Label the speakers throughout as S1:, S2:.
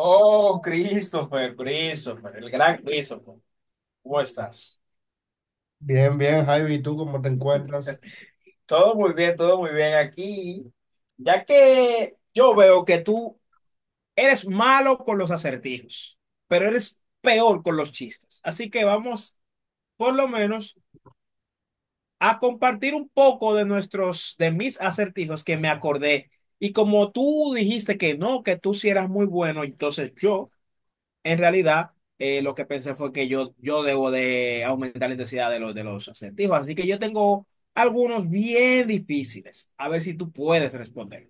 S1: Oh, Christopher, Christopher, el gran Christopher. ¿Cómo estás?
S2: Bien, bien, Javi, ¿y tú cómo te encuentras?
S1: Todo muy bien aquí. Ya que yo veo que tú eres malo con los acertijos, pero eres peor con los chistes. Así que vamos, por lo menos, a compartir un poco de mis acertijos que me acordé. Y como tú dijiste que no, que tú sí eras muy bueno, entonces yo. En realidad, lo que pensé fue que yo debo de aumentar la intensidad de los acertijos. Así que yo tengo algunos bien difíciles. A ver si tú puedes responder.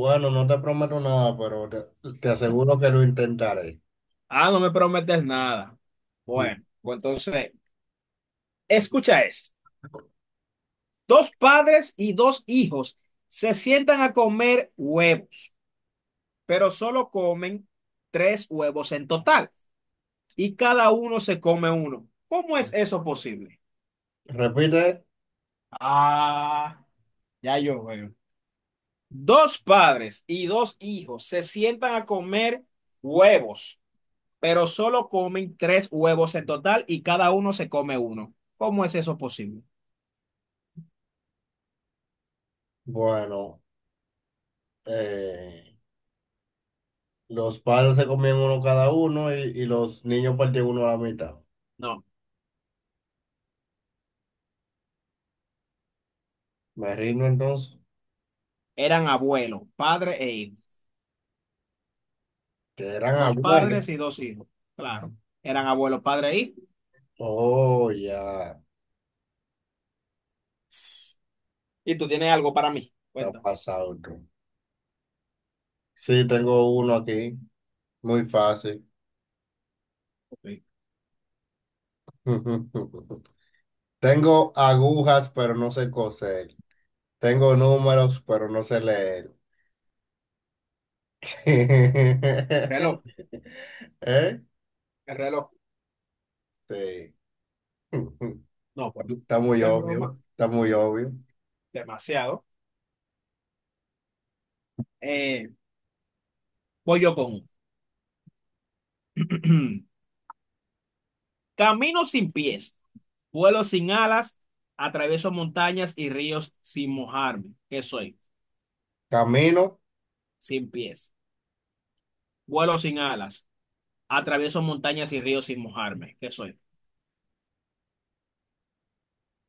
S2: Bueno, no te prometo nada, pero te aseguro que lo intentaré.
S1: Ah, no me prometes nada.
S2: Mm.
S1: Bueno, pues entonces, escucha esto. Dos padres y dos hijos se sientan a comer huevos, pero solo comen tres huevos en total y cada uno se come uno. ¿Cómo es eso posible?
S2: Repite,
S1: Ah, ya yo veo. Dos padres y dos hijos se sientan a comer huevos, pero solo comen tres huevos en total y cada uno se come uno. ¿Cómo es eso posible?
S2: bueno, eh, los padres se comían uno cada uno y los niños partían uno a la mitad.
S1: No,
S2: Me rindo entonces,
S1: eran abuelos, padre e hijo.
S2: que eran
S1: Dos
S2: abuelos.
S1: padres y dos hijos. Claro, eran abuelos, padre e hijo.
S2: Oh, ya, Ss,
S1: Y tú tienes algo para mí.
S2: está
S1: Cuéntame.
S2: pasado tú. Sí, tengo uno aquí, muy fácil.
S1: El
S2: Tengo agujas, pero no sé coser. Tengo números, pero no sé leer. ¿Eh?
S1: reloj, el reloj.
S2: Sí.
S1: No, pues,
S2: Está muy
S1: te
S2: obvio,
S1: broma.
S2: está muy obvio.
S1: Demasiado. Eh, voy yo con uno. Camino sin pies. Vuelo sin alas, atravieso montañas y ríos sin mojarme. ¿Qué soy?
S2: Camino,
S1: Sin pies. Vuelo sin alas, atravieso montañas y ríos sin mojarme. ¿Qué soy?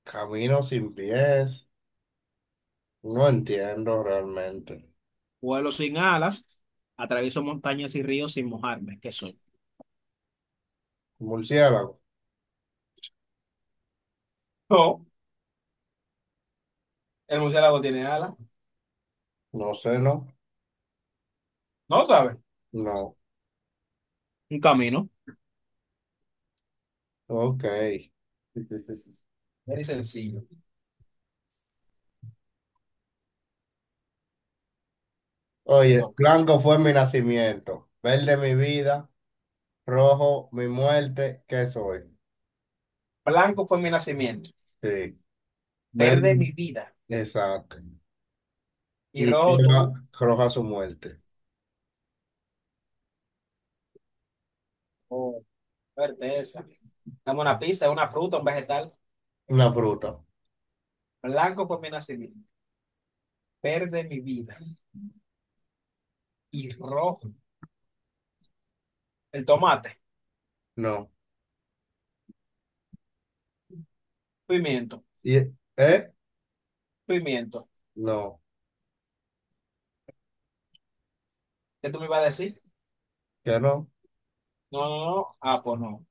S2: camino sin pies. No entiendo realmente.
S1: Vuelo sin alas, atravieso montañas y ríos sin mojarme. ¿Qué soy?
S2: Murciélago,
S1: No, el murciélago tiene alas.
S2: no sé, no,
S1: No sabes.
S2: no.
S1: Un camino.
S2: Ok.
S1: Muy sencillo. Te
S2: Oye,
S1: toca.
S2: blanco fue mi nacimiento, verde mi vida, rojo mi muerte, ¿qué soy?
S1: Blanco fue mi nacimiento.
S2: Sí, verde,
S1: Verde mi vida.
S2: exacto.
S1: Y
S2: Y
S1: rojo
S2: roja,
S1: tú.
S2: roja su muerte.
S1: Oh, fuerte esa. Dame una pista, una fruta, un vegetal.
S2: Una fruta,
S1: Blanco fue mi nacimiento. Verde mi vida. Y rojo. El tomate,
S2: no.
S1: pimiento,
S2: Y, ¿eh?
S1: pimiento.
S2: No,
S1: ¿Qué tú me ibas a decir?
S2: que no.
S1: No, no, no. Ah, pues no.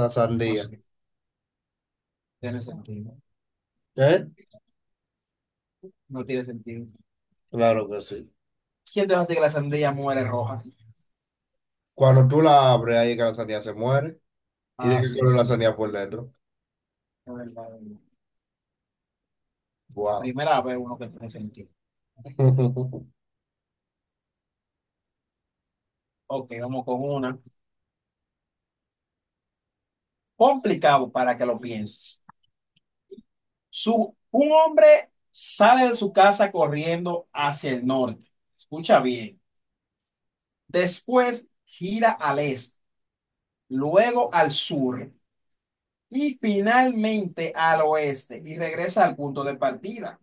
S2: La
S1: No
S2: sandía.
S1: sé. Tiene sentido.
S2: ¿Eh?
S1: No tiene sentido.
S2: Claro que sí.
S1: ¿Quién te dice que la sandía muere roja?
S2: Cuando tú la abres, ahí es que la sandía se muere. ¿Y de
S1: Ah,
S2: qué
S1: sí,
S2: color la
S1: sí.
S2: sandía por dentro?
S1: Es verdad, es verdad.
S2: Wow.
S1: Primera vez uno que tiene sentido. Ok, vamos con una. Complicado para que lo pienses. Un hombre sale de su casa corriendo hacia el norte. Escucha bien. Después gira al este, luego al sur y finalmente al oeste y regresa al punto de partida.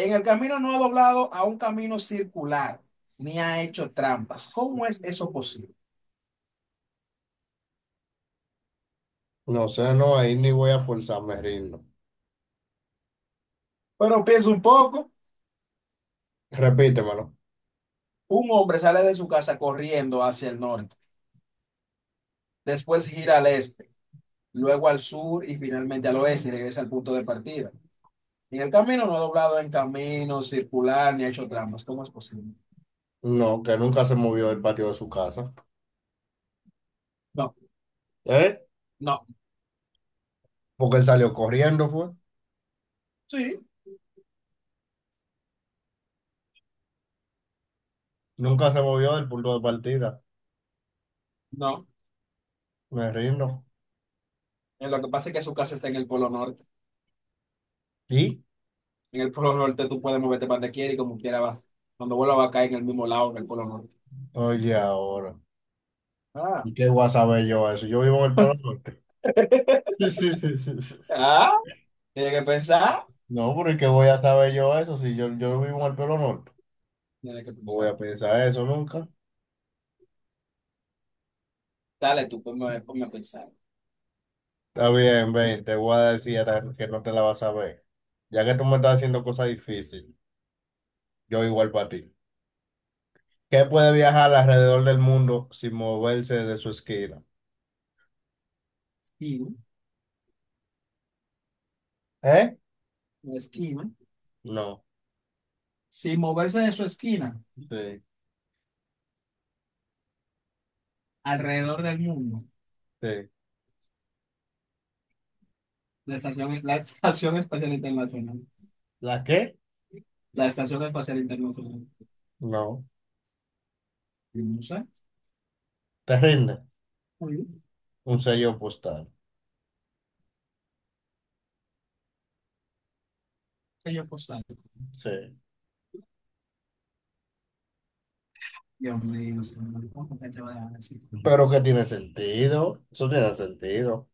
S1: En el camino no ha doblado a un camino circular ni ha hecho trampas. ¿Cómo es eso posible?
S2: No sé, no, ahí ni voy a forzarme rindo. Reírlo.
S1: Pero piensa un poco.
S2: Repítemelo.
S1: Un hombre sale de su casa corriendo hacia el norte, después gira al este, luego al sur y finalmente al oeste y regresa al punto de partida. En el camino no ha doblado en camino circular ni ha hecho trampas. ¿Cómo es posible?
S2: No, que nunca se movió del patio de su casa.
S1: No,
S2: ¿Eh?
S1: no,
S2: Porque él salió corriendo, fue.
S1: sí,
S2: Nunca se movió del punto de partida.
S1: no.
S2: Me rindo.
S1: Lo que pasa es que su casa está en el polo norte.
S2: ¿Y?
S1: En el Polo Norte tú puedes moverte para donde quieras y como quieras vas. Cuando vuelvas va a caer en el mismo lado que el Polo Norte.
S2: Oye, ahora.
S1: Ah,
S2: ¿Y qué voy a saber yo eso? Yo vivo en el Polo Norte.
S1: ah, tienes que pensar.
S2: No, porque ¿qué voy a saber yo eso? Si yo vivo en el Polo Norte,
S1: Tienes que
S2: no voy
S1: pensar.
S2: a pensar eso nunca.
S1: Dale, tú ponme, ponme a pensar.
S2: Está bien, ven, te voy a decir ahora que no te la vas a ver. Ya que tú me estás haciendo cosas difíciles, yo igual para ti. ¿Qué puede viajar alrededor del mundo sin moverse de su esquina?
S1: Esquina,
S2: ¿Eh?
S1: la esquina.
S2: No.
S1: Sin moverse de su esquina,
S2: Sí,
S1: alrededor del mundo.
S2: sí.
S1: La Estación Espacial Internacional.
S2: ¿La qué?
S1: La Estación Espacial Internacional.
S2: No.
S1: Y no sé.
S2: ¿Te rinde?
S1: Muy bien.
S2: Un sello postal.
S1: Que yo postal.
S2: Sí.
S1: Dios mío, señor, ¿cómo que te voy a dejar así?
S2: Pero que tiene sentido. Eso tiene sentido.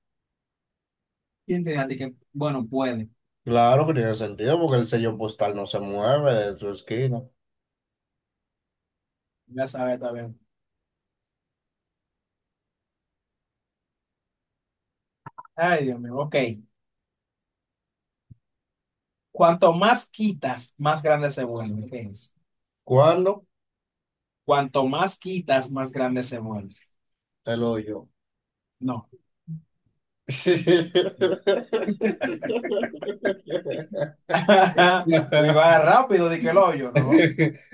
S1: ¿Quién te dice a ti que, bueno, puede?
S2: Claro que tiene sentido porque el sello postal no se mueve de su esquina.
S1: Ya sabes, está bien. Ay, Dios mío, ok. Cuanto más quitas, más grande se vuelve. ¿Qué es?
S2: ¿Cuándo?
S1: Cuanto más quitas, más grande se vuelve.
S2: Te lo doy yo.
S1: No. Y
S2: Sí.
S1: va rápido, de que el hoyo, ¿no?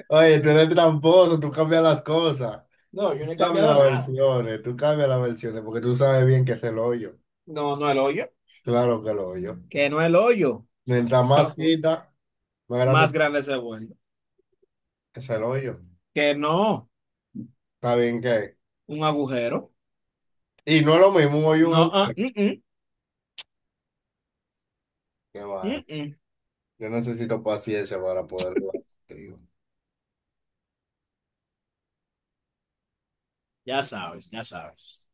S2: Oye, tú eres tramposo, tú cambias las cosas.
S1: No, yo
S2: Tú
S1: no he
S2: cambias
S1: cambiado
S2: las
S1: nada.
S2: versiones, tú cambias las versiones, porque tú sabes bien que es el hoyo.
S1: No, no el hoyo.
S2: Claro que el hoyo.
S1: Que no el hoyo.
S2: Mientras más quita, más grande
S1: Más
S2: es
S1: grande se vuelve.
S2: es el hoyo.
S1: Que no,
S2: Está bien que.
S1: un agujero.
S2: Y no es lo mismo un hoyo y un
S1: No, ah,
S2: agujero.
S1: mm, mm,
S2: Qué
S1: mm,
S2: vaina.
S1: mm.
S2: Yo necesito paciencia para poder jugar contigo.
S1: Ya sabes, ya sabes.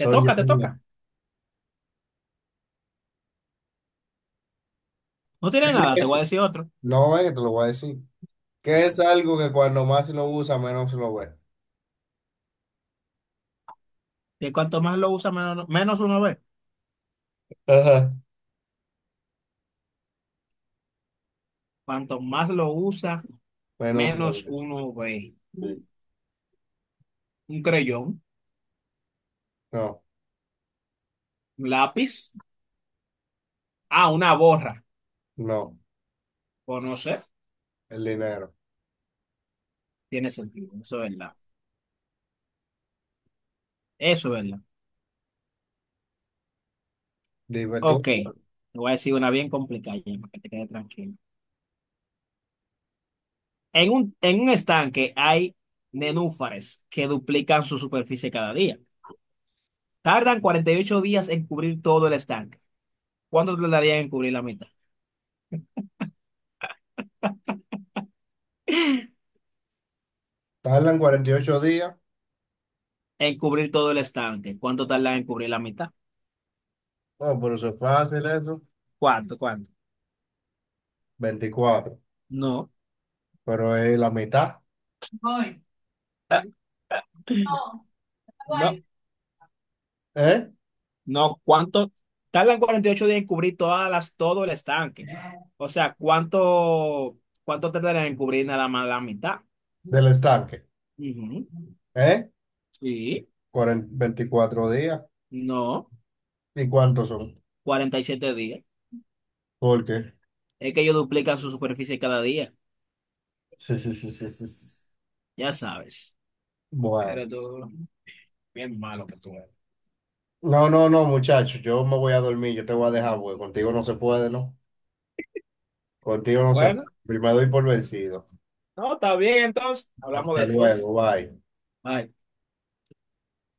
S1: Te
S2: yo.
S1: toca, te toca. No tiene nada, te voy a decir otro.
S2: No, es que te lo voy a decir, que
S1: Ok.
S2: es algo que cuando más lo usa, menos lo ve.
S1: Que cuanto más lo usa, menos uno ve.
S2: Ajá.
S1: Cuanto más lo usa,
S2: Menos lo
S1: menos
S2: ve.
S1: uno 20.
S2: Sí.
S1: Un creyón,
S2: No,
S1: un lápiz. Ah, una borra.
S2: no,
S1: O no sé.
S2: el dinero.
S1: Tiene sentido. Eso es verdad. Eso es verdad.
S2: Dime
S1: Ok.
S2: tú,
S1: Te voy a decir una bien complicada, ya, para que te quede tranquilo. En un estanque hay nenúfares que duplican su superficie cada día. Tardan 48 días en cubrir todo el estanque. ¿Cuánto tardarían en cubrir la mitad?
S2: tardan 48 días.
S1: En cubrir todo el estanque. ¿Cuánto tardan en cubrir la mitad?
S2: No, pero eso es fácil eso.
S1: ¿Cuánto? ¿Cuánto?
S2: Veinticuatro,
S1: No.
S2: pero es la mitad. Voy. No, voy.
S1: No.
S2: ¿Eh?
S1: No, ¿cuánto? Tardan 48 días en cubrir todo el estanque. O sea, ¿cuánto, cuánto tardan en cubrir nada más la mitad?
S2: Del estanque.
S1: Ujú.
S2: ¿Eh?
S1: Sí,
S2: 40 veinticuatro días.
S1: no,
S2: ¿Y cuántos son?
S1: 47 días.
S2: Porque,
S1: Es que ellos duplican su superficie cada día,
S2: sí, sí, sí, sí, sí, sí,
S1: ya sabes.
S2: bueno.
S1: Pero tú, bien malo que tú eres.
S2: No, no, no, muchachos, yo me voy a dormir, yo te voy a dejar, porque contigo no se puede, ¿no? Contigo, José,
S1: Bueno,
S2: me doy por vencido.
S1: no, está bien entonces. Hablamos
S2: Hasta
S1: después.
S2: luego, bye.
S1: Bye.